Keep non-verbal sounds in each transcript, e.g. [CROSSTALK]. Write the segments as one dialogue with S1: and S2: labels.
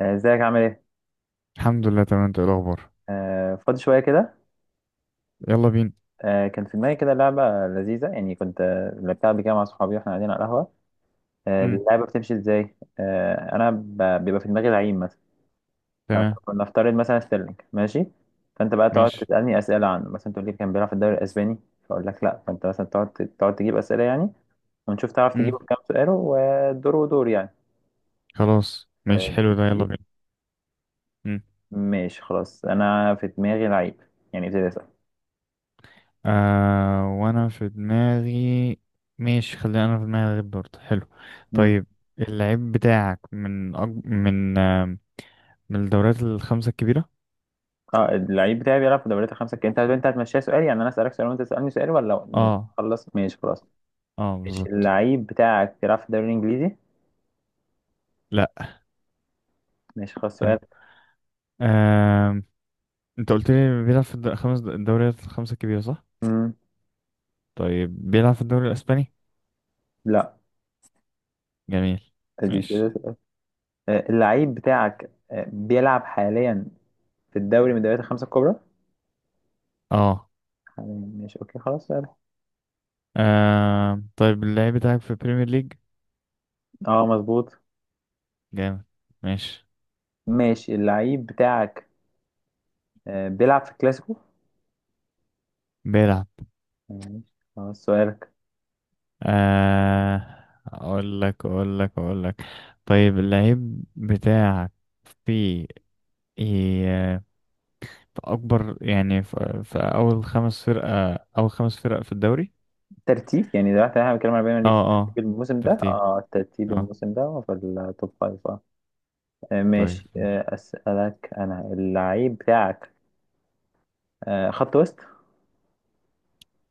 S1: ازيك عامل ايه؟
S2: الحمد لله تمام. انت ايه الاخبار؟
S1: فاضي شوية كده.
S2: يلا بينا.
S1: كان في دماغي كده لعبة لذيذة، يعني كنت لعبتها قبل كده مع صحابي واحنا قاعدين على القهوة.
S2: امم
S1: اللعبة بتمشي ازاي؟ بيبقى في دماغي لعيب مثلا،
S2: تمام.
S1: فنفترض مثلا ستيرلينج. ماشي؟ فأنت بقى تقعد
S2: ماشي.
S1: تسألني أسئلة عنه، مثلا تقول لي كان بيلعب في الدوري الأسباني، فأقول لك لأ، فأنت مثلا تقعد تجيب أسئلة يعني، ونشوف تعرف تجيبه
S2: امم
S1: في كام سؤال. ودور ودور يعني.
S2: خلاص
S1: آه،
S2: ماشي، حلو ده، يلا
S1: لذيذ؟
S2: بينا. امم
S1: ماشي خلاص، أنا في دماغي لعيب، يعني ابتدي
S2: آه وانا في دماغي. ماشي خلينا، انا في دماغي غير برضه حلو.
S1: أسأل.
S2: طيب اللعيب بتاعك من أج... من آه من الدوريات الخمسة الكبيرة.
S1: اه، اللعيب بتاعي بيلعب في دوريات الخمسة الكبرى. انت هتمشيها سؤال يعني، انا اسالك سؤال وانت تسالني سؤال ولا؟
S2: اه.
S1: خلص ماشي خلاص.
S2: اه
S1: ماشي،
S2: بالظبط.
S1: اللعيب بتاعك بيلعب في الدوري الانجليزي؟
S2: لا.
S1: ماشي خلاص،
S2: حلو.
S1: سؤال.
S2: آه، انت قلت لي بيلعب في الد- خمس الدوريات الخمسة الكبيرة صح؟
S1: مم.
S2: طيب بيلعب في الدوري الاسباني.
S1: لا،
S2: جميل.
S1: ادي
S2: ماشي.
S1: كده سؤال. اللعيب بتاعك بيلعب حاليا في الدوري من الدوريات الخمسة الكبرى
S2: اه.
S1: حاليا. ماشي اوكي خلاص سؤال.
S2: آه طيب اللعيب بتاعك في بريمير ليج.
S1: اه مظبوط.
S2: جامد. ماشي.
S1: ماشي، اللعيب بتاعك بيلعب في الكلاسيكو.
S2: بيلعب.
S1: ماشي خلاص سؤالك.
S2: آه، اقول لك. طيب اللعيب بتاعك في إيه، في اكبر يعني في اول خمس فرقة، اول خمس فرق في الدوري.
S1: ترتيب يعني دلوقتي احنا بنتكلم على بينا ليه،
S2: اه. اه
S1: في الموسم ده؟
S2: ترتيب.
S1: اه، ترتيب
S2: اه.
S1: الموسم ده في التوب فايف.
S2: طيب
S1: ماشي.
S2: ماشي.
S1: أسألك أنا، اللعيب بتاعك خط وسط؟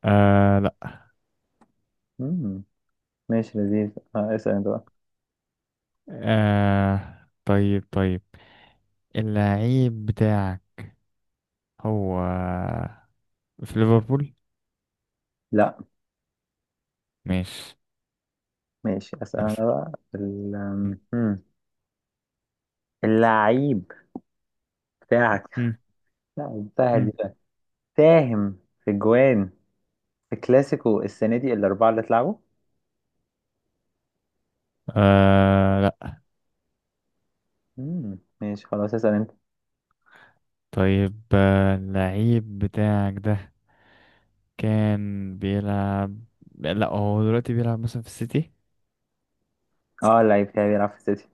S2: آه لا.
S1: مم، ماشي لذيذ. اسأل أنت بقى.
S2: آه طيب اللعيب بتاعك هو في ليفربول.
S1: لا.
S2: ماشي.
S1: ماشي أسأل أنا بقى. اللعيب بتاعك؟
S2: مم.
S1: لا سهل دي
S2: مم.
S1: بقى. ساهم في جوان، في كلاسيكو السنة دي الأربعة اللي اتلعبوا.
S2: آه لا.
S1: مم، ماشي خلاص اسأل أنت.
S2: طيب آه، اللعيب بتاعك ده كان بيلعب، لا هو دلوقتي بيلعب مثلا في السيتي.
S1: اه، اللعيب بتاعي بيلعب في السيتي.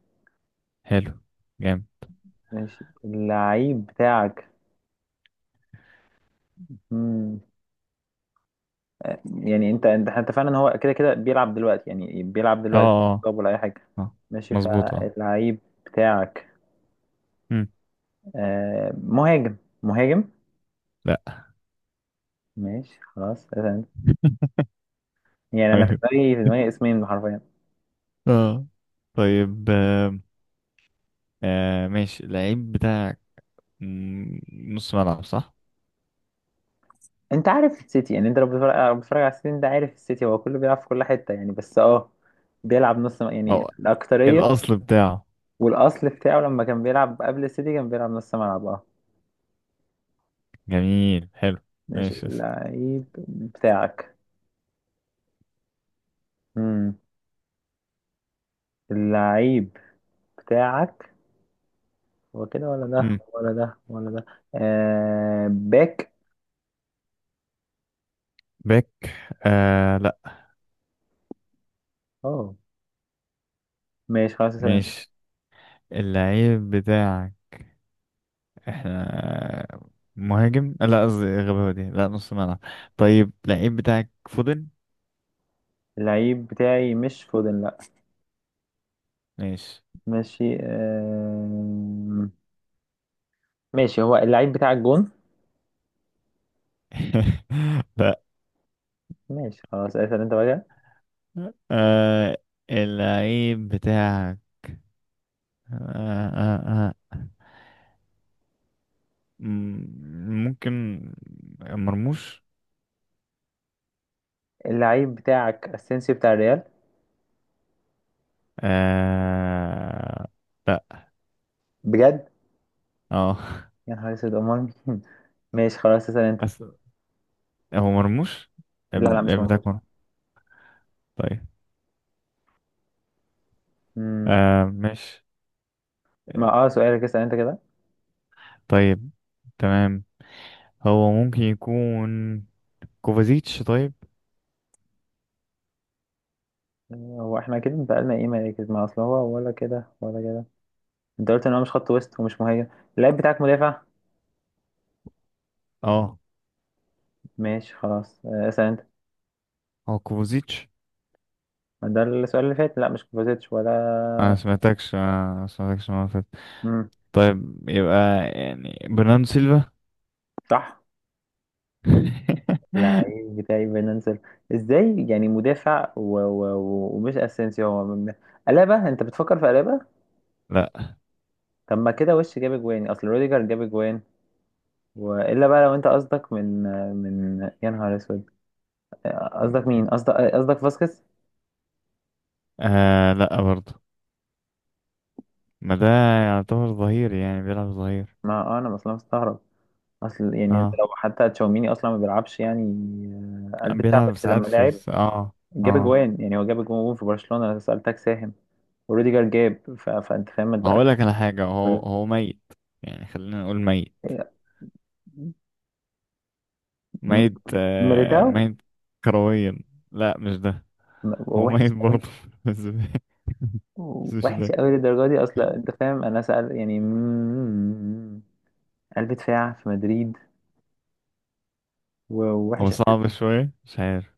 S2: حلو. جامد.
S1: ماشي، اللعيب بتاعك. مم. يعني انت فعلا هو كده بيلعب دلوقتي، يعني بيلعب
S2: اه.
S1: دلوقتي
S2: اه.
S1: طب ولا اي حاجه؟
S2: اه
S1: ماشي،
S2: مظبوط. اه.
S1: فاللعيب بتاعك
S2: مم.
S1: مهاجم، مهاجم؟
S2: لا.
S1: ماشي خلاص تمام.
S2: [LAUGHS]
S1: يعني انا في
S2: ايوه.
S1: دماغي في دماغي اسمين حرفيا.
S2: اه. طيب. ماشي اللعيب بتاعك مم، نص ملعب صح؟
S1: انت عارف السيتي يعني، انت لو بتتفرج على السيتي ده، عارف السيتي هو كله بيلعب في كل حته يعني، بس اه، يعني
S2: اه
S1: الاكتريه.
S2: الأصل بتاعه.
S1: والاصل بتاعه لما كان بيلعب قبل السيتي كان بيلعب نص ملعب اه.
S2: جميل حلو.
S1: ماشي
S2: ماشي يا سيدي.
S1: اللعيب بتاعك. امم اللعيب بتاعك، هو كده ولا ده
S2: مم.
S1: ولا ده ولا ده؟ باك؟
S2: باك؟ آه لا.
S1: اه ماشي خلاص اسأل انت.
S2: ماشي اللعيب بتاعك احنا مهاجم، لا قصدي غباوة دي، لا نص ملعب. طيب لعيب بتاعك فودن؟
S1: اللعيب بتاعي مش فودن، لا.
S2: ماشي.
S1: ماشي. آه، ماشي. هو اللعيب بتاعك جون؟
S2: [LAUGHS] لا.
S1: ماشي خلاص اسأل انت بقى.
S2: آه، اللعيب بتاعك آه آه آه. ممكن مرموش؟
S1: اللعيب بتاعك اسينسيو بتاع الريال؟
S2: آه لا.
S1: بجد؟
S2: اه.
S1: يا نهار اسود، امال مين؟ [LAUGHS] ماشي خلاص اسأل انت.
S2: أس... هو مرموش؟
S1: لا لا، مش
S2: اللعيب
S1: موجود.
S2: بتاعك مرموش. طيب.
S1: مم.
S2: آه ماشي.
S1: ما اه، سؤالك اسأل انت كده.
S2: طيب تمام، هو ممكن يكون كوفازيتش؟ طيب.
S1: آه، هو احنا كده انتقلنا ايه مراكز؟ ما اصل هو ولا كده ولا كده؟ انت قلت ان هو مش خط وسط ومش مهاجم. اللعيب بتاعك مدافع؟
S2: اه
S1: ماشي خلاص. اسأل انت.
S2: هو كوفوزيتش.
S1: ده السؤال اللي فات، لا مش كوفازيتش ولا.
S2: انا ما سمعتكش المره اللي فاتت.
S1: مم.
S2: طيب يبقى يعني برناردو سيلفا.
S1: صح.
S2: [LAUGHS]
S1: اللعيب بتاعي فينانسيال؟ ازاي يعني مدافع ومش اسينسيو؟ ألابا؟ انت بتفكر في ألابا؟
S2: لا.
S1: طب ما كده وش جاب اجوان، اصل روديجر جاب اجوان. والا بقى، لو انت قصدك من يا نهار اسود، قصدك مين؟ قصدك فاسكيز؟
S2: آه لا برضه، ما ده يعتبر ظهير يعني بيلعب ظهير.
S1: ما انا اصلا مستغرب، اصل يعني انت
S2: اه
S1: لو حتى تشاوميني اصلا ما بيلعبش يعني، قلب دفاع
S2: بيلعب
S1: بس
S2: ساعات
S1: لما
S2: في
S1: لعب جاب
S2: اه.
S1: اجوان. يعني هو جاب اجوان في برشلونة، انا سألتك ساهم. وروديجر جاب، فانت فاهم ما تبقاش.
S2: هقول لك على حاجه، هو ميت، يعني خلينا نقول ميت.
S1: م-
S2: ميت آه
S1: ميليتاو؟
S2: ميت. كرويا؟ لا مش ده.
S1: م-
S2: هو
S1: وحش
S2: ميت
S1: قوي،
S2: برضه [LAUGHS] بس. بس مش
S1: وحش
S2: ده.
S1: قوي للدرجة دي اصلا؟ انت فاهم انا سأل يعني، قلب دفاع في مدريد
S2: هو
S1: ووحش.
S2: صعب شويه، مش عارف.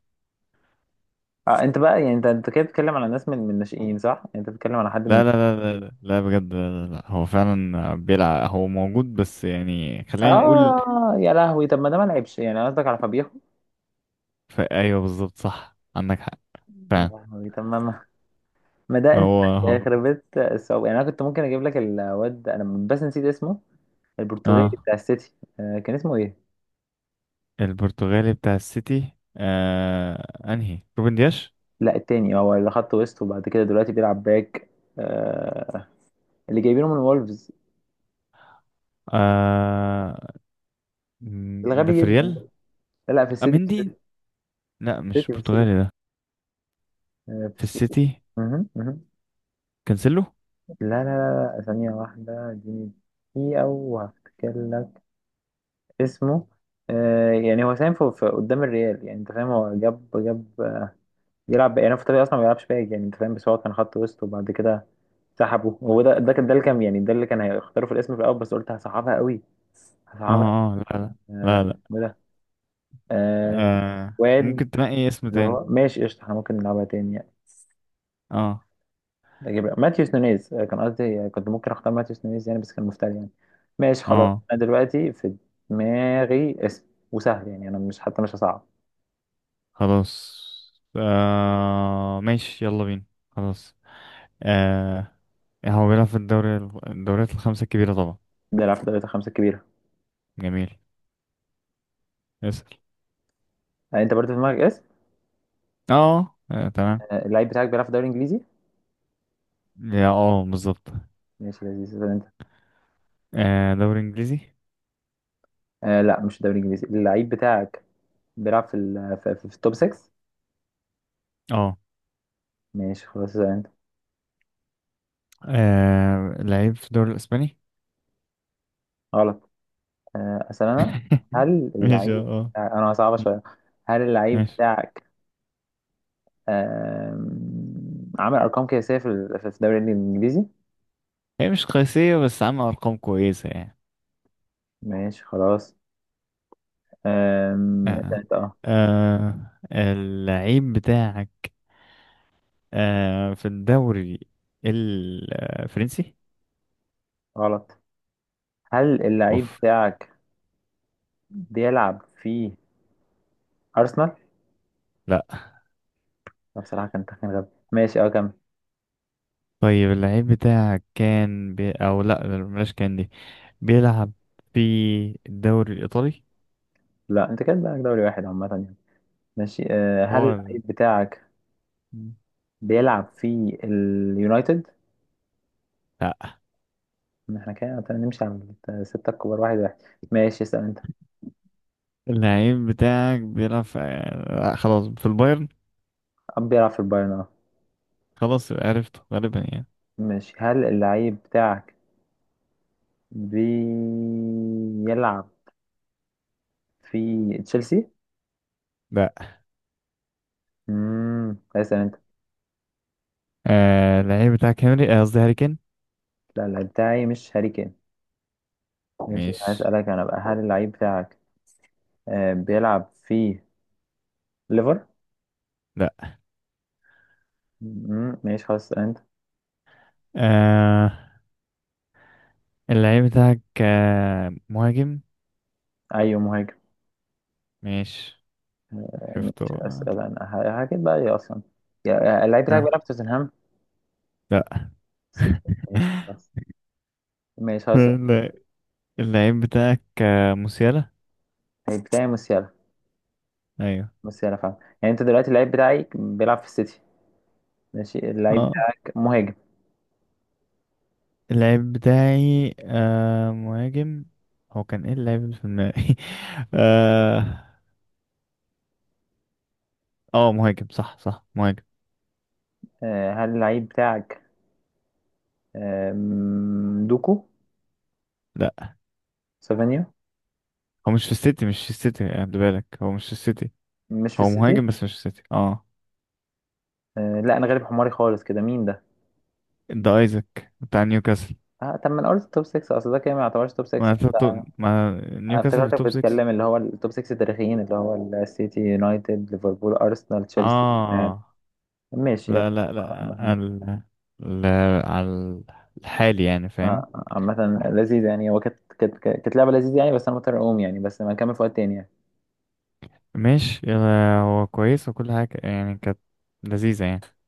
S1: آه انت بقى يعني، انت كده بتتكلم على ناس من الناشئين صح؟ يعني انت بتتكلم على حد من
S2: لا بجد، لا هو فعلا بيلعب، هو موجود، بس يعني خلينا نقول
S1: اه؟ يا لهوي. طب ما ده ما لعبش يعني؟ قصدك على فابيخو؟
S2: ايوه بالظبط، صح عندك حق،
S1: يا
S2: فعلا.
S1: لهوي، طب ما ما ده انت
S2: هو
S1: يخرب بيت الصعوبة. يعني انا كنت ممكن اجيب لك الواد ده، انا بس نسيت اسمه، البرتغالي
S2: اه
S1: بتاع السيتي. كان اسمه ايه؟
S2: البرتغالي بتاع السيتي. آه انهي، روبن دياش؟
S1: لا التاني، هو اللي خط وسط وبعد كده دلوقتي بيلعب باك. آه، اللي جايبينه من وولفز،
S2: آه، ده
S1: الغبي
S2: في
S1: جدا
S2: ريال.
S1: ده. لا لا، في السيتي
S2: اميندي؟
S1: في
S2: لا مش
S1: السيتي في السيتي.
S2: برتغالي ده.
S1: آه، في
S2: في
S1: السيتي
S2: السيتي.
S1: مهم، مهم.
S2: كانسيلو.
S1: لا لا لا لا، ثانية واحدة اديني، دقيقة وهفتكر لك اسمه. يعني هو ساهم في قدام الريال يعني، انت فاهم، هو جاب جاب. يلعب يعني، هو في الطبيعي اصلا ما بيلعبش باك يعني، انت فاهم، بس هو كان خط وسط وبعد كده سحبه. هو ده، ده كان ده اللي كان يعني، ده اللي كان هيختاروا في الاسم في الاول، بس قلت هصعبها قوي.
S2: اه.
S1: هصعبها.
S2: اه. لا لا لا لا
S1: اسمه إيه ده؟ آه،
S2: آه
S1: واد
S2: ممكن تنقي اسم
S1: اللي
S2: تاني.
S1: هو. ماشي قشطة، احنا ممكن نلعبها تاني يعني.
S2: اه.
S1: اجيب ماتيوس نونيز. كان قصدي، كنت ممكن اختار ماتيوس نونيز يعني، بس كان مفتري يعني. ماشي خلاص.
S2: اه.
S1: انا دلوقتي في دماغي اسم، وسهل يعني، انا مش حتى مش هصعب.
S2: خلاص. آه ماشي يلا بينا. خلاص. آه، هو بيلعب في الدوري، الدوريات الخمسة الكبيرة طبعا.
S1: بيلعب في دوري الخمسة الكبيرة.
S2: جميل. اسأل.
S1: انت برضه في دماغك اسم.
S2: اه. آه، تمام.
S1: اللعيب بتاعك بيلعب في الدوري الانجليزي؟
S2: يا اه بالظبط.
S1: ماشي لذيذ ده انت.
S2: آه دوري انجليزي.
S1: آه لا، مش الدوري الانجليزي. اللعيب بتاعك بيلعب في التوب 6.
S2: اه.
S1: ماشي خلاص زي انت.
S2: آه، لعيب في الدوري الاسباني.
S1: غلط. اسال انا
S2: [LAUGHS]
S1: هل
S2: ماشي. اه.
S1: اللعيب.
S2: آه.
S1: انا صعبه شويه. هل اللعيب
S2: ماشي.
S1: بتاعك عامل ارقام قياسيه في الدوري الانجليزي؟
S2: هي مش قياسية بس عاملة ارقام كويسة يعني.
S1: ماشي خلاص. اسال
S2: آه.
S1: انت اه.
S2: اللعيب بتاعك آه في الدوري الفرنسي.
S1: غلط. هل اللعيب
S2: اوف.
S1: بتاعك بيلعب في ارسنال؟
S2: لا.
S1: لا، بصراحه كان تخمين غبي. ماشي اه كمل.
S2: طيب اللعيب بتاعك كان بي... او لا بلاش كان دي بيلعب في الدوري الإيطالي.
S1: لا انت كده بقى دوري واحد عامه يعني. ماشي، هل
S2: هو.
S1: اللعيب بتاعك بيلعب في اليونايتد؟
S2: لا
S1: ما احنا كده نمشي على الستة الكبار واحد واحد. ماشي اسأل انت.
S2: اللعيب بتاعك بيلعب في، لا خلاص، في البايرن.
S1: أب بيلعب في البايرن اه.
S2: خلاص يبقى عرفته غالبا يعني.
S1: ماشي، هل اللعيب بتاعك بيلعب في تشيلسي؟
S2: لا.
S1: اسأل انت.
S2: آه اللعيب بتاعك هنري، آه قصدي هاري كين.
S1: لا، اللعيب بتاعي مش هاري كين. ماشي،
S2: مش.
S1: هسألك انا بقى. هل اللعيب بتاعك بيلعب في ليفر؟
S2: لا.
S1: ماشي خلاص اسأل انت.
S2: آه اللعيب بتاعك آه مهاجم،
S1: ايوه مهاجم.
S2: مش عرفته.
S1: ماشي اسأل انا، هكذا بقى ايه اصلا، اللعيب بتاعك
S2: آه
S1: بيلعب في توتنهام؟
S2: لا.
S1: سيتي. ماشي خلاص، ماشي خلاص.
S2: [LAUGHS] لا. اللعيب بتاعك آه، موسيالا.
S1: اللعيب بتاعي موسيالا.
S2: ايوه.
S1: بس انا فاهم يعني، انت دلوقتي اللعيب بتاعك بيلعب في السيتي. ماشي، اللعيب
S2: اه
S1: بتاعك مهاجم.
S2: اللعيب بتاعي آه مهاجم. هو كان ايه اللعيب اللي في دماغي؟ [LAUGHS] اه. اه مهاجم صح، صح مهاجم.
S1: هل اللعيب بتاعك دوكو؟
S2: لا
S1: سافانيا؟
S2: هو مش في السيتي، مش في السيتي، خد بالك هو مش في السيتي.
S1: مش في
S2: هو
S1: السيتي؟
S2: مهاجم بس مش في السيتي. اه
S1: لا انا غالب حماري خالص كده، مين ده؟
S2: ده ايزاك بتاع نيوكاسل.
S1: آه طب ما انا قلت توب 6، اصل ده كده ما يعتبرش توب
S2: ما
S1: 6.
S2: أنت ما
S1: أنا
S2: نيوكاسل في
S1: افتكرتك
S2: التوب 6.
S1: بتتكلم اللي هو التوب 6 التاريخيين، اللي هو السيتي، يونايتد، ليفربول، ارسنال، تشيلسي. آه،
S2: اه.
S1: ماشي يلا،
S2: لا لا لا
S1: عامة.
S2: ال... ال... على الحالي يعني فاهم.
S1: عامة لذيذ يعني، هو كانت لعبة لذيذة يعني، بس انا مضطر اقوم يعني، بس ما نكمل في وقت تاني يعني.
S2: ماشي يلا، هو كويس وكل حاجة يعني، كانت لذيذة يعني.